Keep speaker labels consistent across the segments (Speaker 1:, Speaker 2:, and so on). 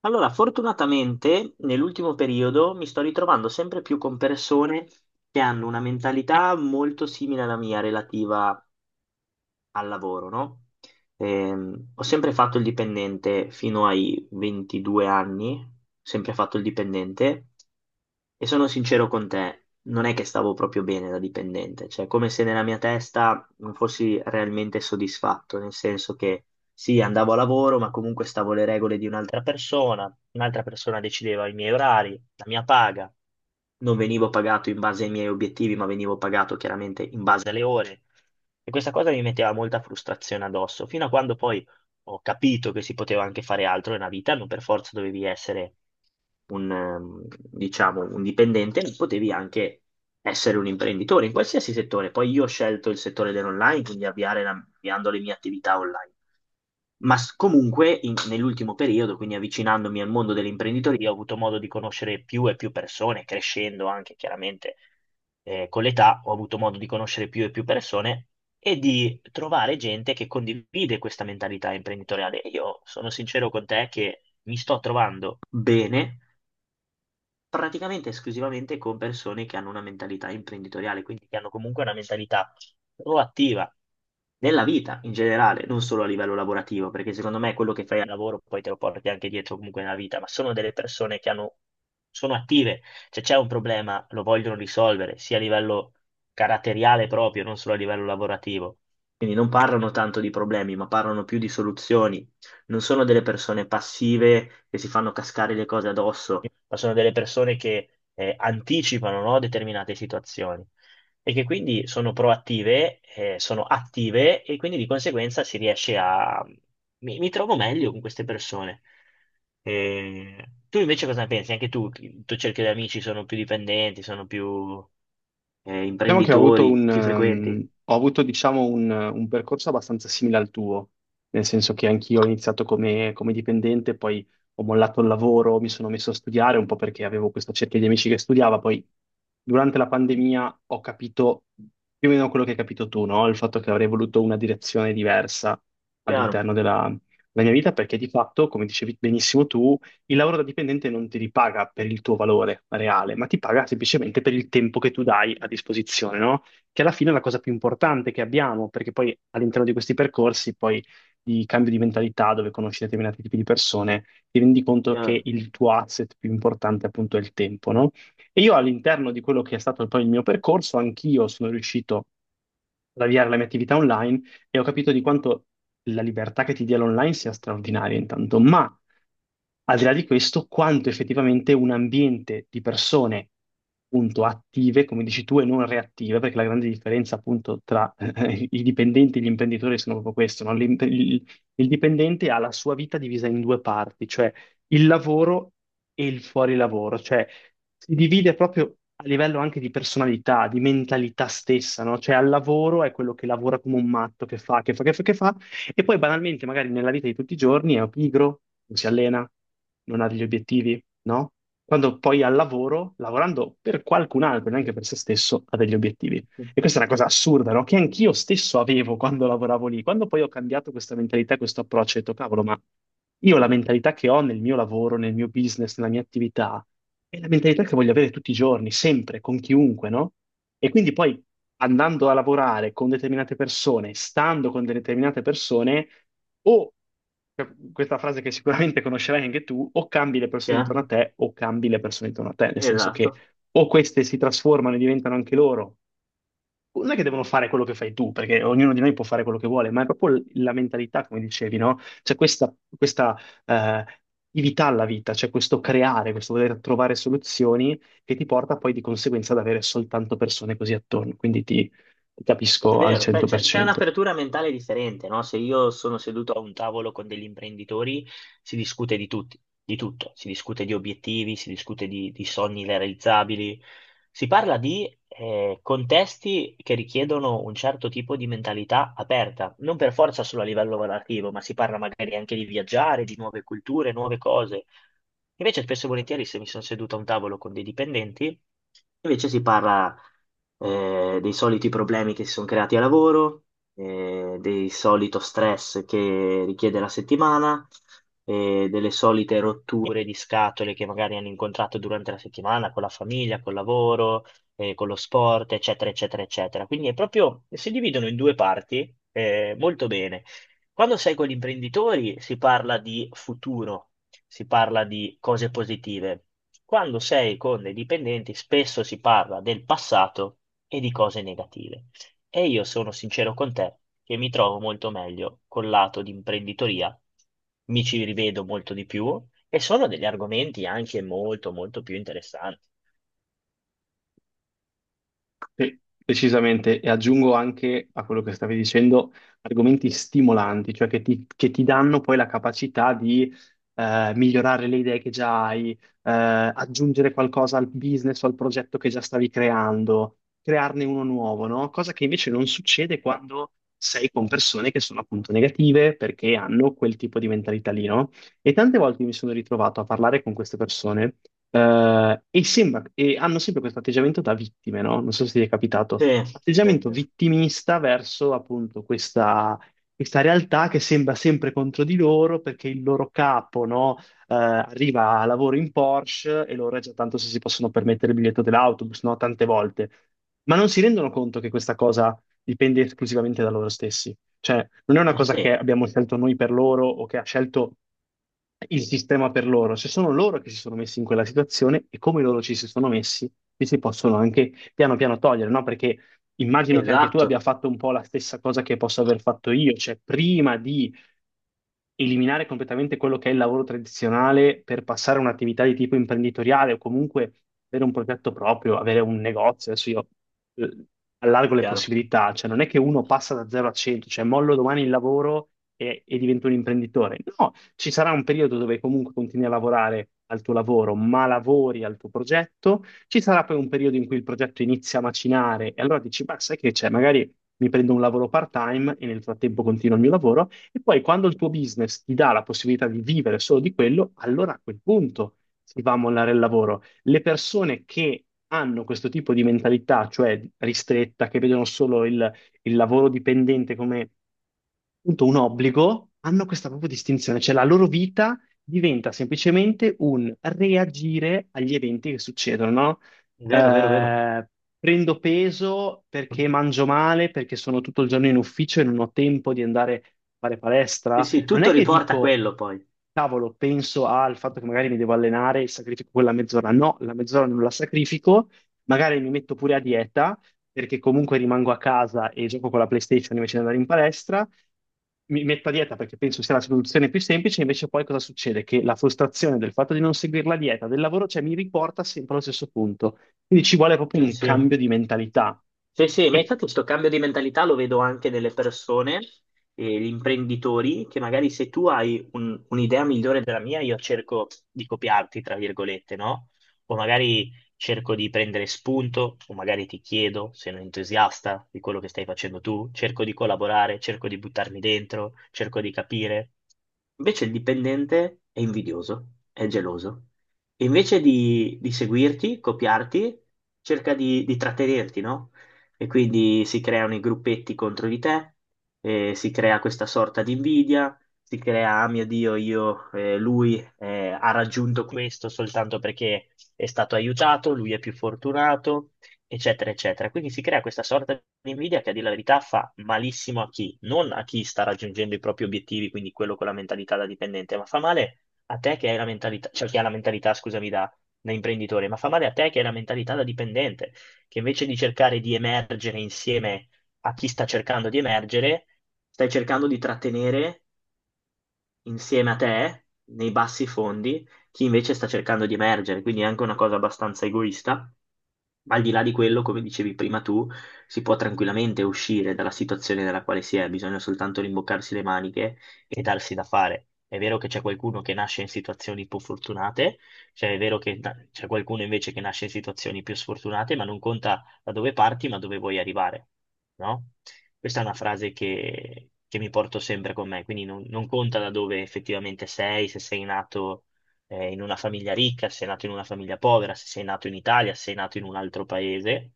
Speaker 1: Allora, fortunatamente nell'ultimo periodo mi sto ritrovando sempre più con persone che hanno una mentalità molto simile alla mia relativa al lavoro, no? Ho sempre fatto il dipendente fino ai 22 anni, sempre fatto il dipendente e sono sincero con te, non è che stavo proprio bene da dipendente, cioè come se nella mia testa non fossi realmente soddisfatto, nel senso che sì, andavo a lavoro, ma comunque stavo alle regole di un'altra persona decideva i miei orari, la mia paga, non venivo pagato in base ai miei obiettivi, ma venivo pagato chiaramente in base alle ore. E questa cosa mi metteva molta frustrazione addosso, fino a quando poi ho capito che si poteva anche fare altro nella vita, non per forza dovevi essere un, ehm, diciamo, un dipendente, potevi anche essere un imprenditore in qualsiasi settore. Poi io ho scelto il settore dell'online, quindi avviando le mie attività online, ma comunque nell'ultimo periodo, quindi avvicinandomi al mondo dell'imprenditoria, ho avuto modo di conoscere più e più persone, crescendo anche chiaramente con l'età, ho avuto modo di conoscere più e più persone e di trovare gente che condivide questa mentalità imprenditoriale. E io sono sincero con te che mi sto trovando bene praticamente esclusivamente con persone che hanno una mentalità imprenditoriale, quindi che hanno comunque una mentalità proattiva nella vita in generale, non solo a livello lavorativo, perché secondo me quello che fai al lavoro poi te lo porti anche dietro comunque nella vita, ma sono delle persone che hanno, sono attive, cioè c'è un problema, lo vogliono risolvere, sia a livello caratteriale proprio, non solo a livello lavorativo. Quindi non parlano tanto di problemi, ma parlano più di soluzioni, non sono delle persone passive che si fanno cascare le cose addosso, ma sono delle persone che anticipano, no, determinate situazioni e che quindi sono proattive, sono attive e quindi di conseguenza si riesce a. Mi trovo meglio con queste persone. Eh, tu invece cosa ne pensi? Anche tu, il tuo cerchio di amici sono più dipendenti, sono più
Speaker 2: Diciamo che ho avuto
Speaker 1: imprenditori, chi frequenti?
Speaker 2: ho avuto, diciamo, un percorso abbastanza simile al tuo, nel senso che anch'io ho iniziato come dipendente, poi ho mollato il lavoro, mi sono messo a studiare un po' perché avevo questa cerchia di amici che studiava, poi durante la pandemia ho capito più o meno quello che hai capito tu, no? Il fatto che avrei voluto una direzione diversa
Speaker 1: Chiaro,
Speaker 2: all'interno della, della mia vita, perché di fatto, come dicevi benissimo tu, il lavoro da dipendente non ti ripaga per il tuo valore reale, ma ti paga semplicemente per il tempo che tu dai a disposizione, no? Che alla fine è la cosa più importante che abbiamo, perché poi all'interno di questi percorsi, poi di cambio di mentalità, dove conosci determinati tipi di persone, ti rendi conto che
Speaker 1: chiaro,
Speaker 2: il tuo asset più importante appunto è il tempo, no? E io all'interno di quello che è stato poi il mio percorso, anch'io sono riuscito ad avviare la mia attività online e ho capito di quanto la libertà che ti dia l'online sia straordinaria intanto, ma al di là di questo, quanto effettivamente un ambiente di persone, appunto, attive, come dici tu, e non reattive, perché la grande differenza, appunto, tra i dipendenti e gli imprenditori sono proprio questo, no? Il dipendente ha la sua vita divisa in due parti, cioè il lavoro e il fuori lavoro, cioè si divide proprio a livello anche di personalità, di mentalità stessa, no? Cioè al lavoro è quello che lavora come un matto, che fa, che fa, che fa, che fa, e poi banalmente, magari nella vita di tutti i giorni è pigro, non si allena, non ha degli obiettivi, no? Quando poi al lavoro, lavorando per qualcun altro, neanche per se stesso, ha degli obiettivi. E questa è una cosa assurda, no? Che anch'io stesso avevo quando lavoravo lì. Quando poi ho cambiato questa mentalità, questo approccio, ho detto, cavolo, ma io la mentalità che ho nel mio lavoro, nel mio business, nella mia attività, è la mentalità che voglio avere tutti i giorni, sempre, con chiunque, no? E quindi poi andando a lavorare con determinate persone, stando con determinate persone, o cioè, questa frase che sicuramente conoscerai anche tu, o cambi le persone intorno
Speaker 1: chiaro,
Speaker 2: a te o cambi le persone intorno a te, nel senso che
Speaker 1: esatto.
Speaker 2: o queste si trasformano e diventano anche loro, non è che devono fare quello che fai tu, perché ognuno di noi può fare quello che vuole, ma è proprio la mentalità, come dicevi, no? C'è questa eh, attività alla vita, c'è questo creare, questo voler trovare soluzioni che ti porta poi di conseguenza ad avere soltanto persone così attorno. Quindi ti
Speaker 1: È
Speaker 2: capisco al
Speaker 1: vero, beh, c'è
Speaker 2: 100%.
Speaker 1: un'apertura mentale differente, no? Se io sono seduto a un tavolo con degli imprenditori, si discute di tutti, di tutto, si discute di obiettivi, si discute di sogni realizzabili, si parla di contesti che richiedono un certo tipo di mentalità aperta, non per forza solo a livello lavorativo, ma si parla magari anche di viaggiare, di nuove culture, nuove cose. Invece spesso e volentieri, se mi sono seduto a un tavolo con dei dipendenti, invece si parla dei soliti problemi che si sono creati a lavoro, del solito stress che richiede la settimana, delle solite rotture di scatole che magari hanno incontrato durante la settimana con la famiglia, col lavoro, con lo sport, eccetera, eccetera, eccetera. Quindi è proprio, si dividono in due parti, molto bene. Quando sei con gli imprenditori si parla di futuro, si parla di cose positive. Quando sei con i dipendenti spesso si parla del passato e di cose negative. E io sono sincero con te che mi trovo molto meglio col lato di imprenditoria, mi ci rivedo molto di più e sono degli argomenti anche molto molto più interessanti.
Speaker 2: Sì, decisamente, e aggiungo anche a quello che stavi dicendo argomenti stimolanti, cioè che ti danno poi la capacità di migliorare le idee che già hai, aggiungere qualcosa al business o al progetto che già stavi creando, crearne uno nuovo, no? Cosa che invece non succede quando sei con persone che sono appunto negative perché hanno quel tipo di mentalità lì, no? E tante volte mi sono ritrovato a parlare con queste persone e hanno sempre questo atteggiamento da vittime, no? Non so se ti è capitato,
Speaker 1: Sì, sì,
Speaker 2: atteggiamento
Speaker 1: sì.
Speaker 2: vittimista verso appunto questa realtà che sembra sempre contro di loro perché il loro capo, no? Arriva a lavoro in Porsche e loro è già tanto se si possono permettere il biglietto dell'autobus, no? Tante volte. Ma non si rendono conto che questa cosa dipende esclusivamente da loro stessi. Cioè, non è una cosa che
Speaker 1: Sì,
Speaker 2: abbiamo scelto noi per loro o che ha scelto il sistema per loro, se sono loro che si sono messi in quella situazione e come loro ci si sono messi, ci si possono anche piano piano togliere, no? Perché immagino che anche tu abbia
Speaker 1: esatto,
Speaker 2: fatto un po' la stessa cosa che posso aver fatto io, cioè prima di eliminare completamente quello che è il lavoro tradizionale per passare a un'attività di tipo imprenditoriale o comunque avere un progetto proprio, avere un negozio. Adesso io eh, allargo le
Speaker 1: chiaro.
Speaker 2: possibilità, cioè non è che uno passa da 0 a 100, cioè mollo domani il lavoro e divento un imprenditore. No, ci sarà un periodo dove comunque continui a lavorare al tuo lavoro, ma lavori al tuo progetto. Ci sarà poi un periodo in cui il progetto inizia a macinare e allora dici, beh, sai che c'è, magari mi prendo un lavoro part-time e nel frattempo continuo il mio lavoro. E poi quando il tuo business ti dà la possibilità di vivere solo di quello, allora a quel punto si va a mollare il lavoro. Le persone che hanno questo tipo di mentalità, cioè ristretta, che vedono solo il lavoro dipendente come appunto un obbligo, hanno questa proprio distinzione, cioè la loro vita diventa semplicemente un reagire agli eventi che succedono, no?
Speaker 1: Vero, vero, vero.
Speaker 2: Eh, prendo peso perché mangio male, perché sono tutto il giorno in ufficio e non ho tempo di andare a fare
Speaker 1: Sì,
Speaker 2: palestra.
Speaker 1: sì,
Speaker 2: Non
Speaker 1: tutto
Speaker 2: è che
Speaker 1: riporta a
Speaker 2: dico,
Speaker 1: quello poi.
Speaker 2: cavolo, penso al fatto che magari mi devo allenare e sacrifico quella mezz'ora. No, la mezz'ora non la sacrifico, magari mi metto pure a dieta, perché comunque rimango a casa e gioco con la PlayStation invece di andare in palestra. Mi metto a dieta perché penso sia la soluzione più semplice, invece poi cosa succede? Che la frustrazione del fatto di non seguire la dieta, del lavoro, cioè mi riporta sempre allo stesso punto. Quindi ci vuole proprio
Speaker 1: Sì,
Speaker 2: un
Speaker 1: sì.
Speaker 2: cambio di mentalità.
Speaker 1: Sì, sì, ma
Speaker 2: E
Speaker 1: infatti questo cambio di mentalità lo vedo anche nelle persone, gli imprenditori, che magari, se tu hai un'idea migliore della mia, io cerco di copiarti, tra virgolette, no? O magari cerco di prendere spunto, o magari ti chiedo, sei un entusiasta di quello che stai facendo tu, cerco di collaborare, cerco di buttarmi dentro, cerco di capire. Invece il dipendente è invidioso, è geloso. E invece di seguirti, copiarti, cerca di trattenerti, no? E quindi si creano i gruppetti contro di te, si crea questa sorta di invidia, si crea, ah mio Dio, lui ha raggiunto questo soltanto perché è stato aiutato, lui è più fortunato, eccetera, eccetera. Quindi si crea questa sorta di invidia che a dire la verità fa malissimo a chi, non a chi sta raggiungendo i propri obiettivi, quindi quello con la mentalità da dipendente, ma fa male a te che hai la mentalità, cioè chi ha la mentalità, scusami, da imprenditore, ma fa male a te che hai la mentalità da dipendente, che invece di cercare di emergere insieme a chi sta cercando di emergere, stai cercando di trattenere insieme a te, nei bassi fondi, chi invece sta cercando di emergere. Quindi è anche una cosa abbastanza egoista, ma al di là di quello, come dicevi prima tu, si può tranquillamente uscire dalla situazione nella quale si è, bisogna soltanto rimboccarsi le maniche e darsi da fare. È vero che c'è qualcuno che nasce in situazioni più fortunate, cioè è vero che c'è qualcuno invece che nasce in situazioni più sfortunate, ma non conta da dove parti, ma dove vuoi arrivare, no? Questa è una frase che mi porto sempre con me, quindi non conta da dove effettivamente sei, se sei nato in una famiglia ricca, se sei nato in una famiglia povera, se sei nato in Italia, se sei nato in un altro paese,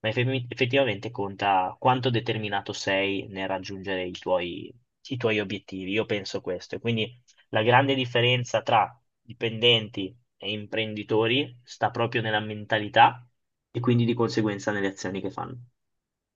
Speaker 1: ma effettivamente conta quanto determinato sei nel raggiungere i tuoi obiettivi. Io penso questo. E quindi la grande differenza tra dipendenti e imprenditori sta proprio nella mentalità e quindi di conseguenza nelle azioni che fanno.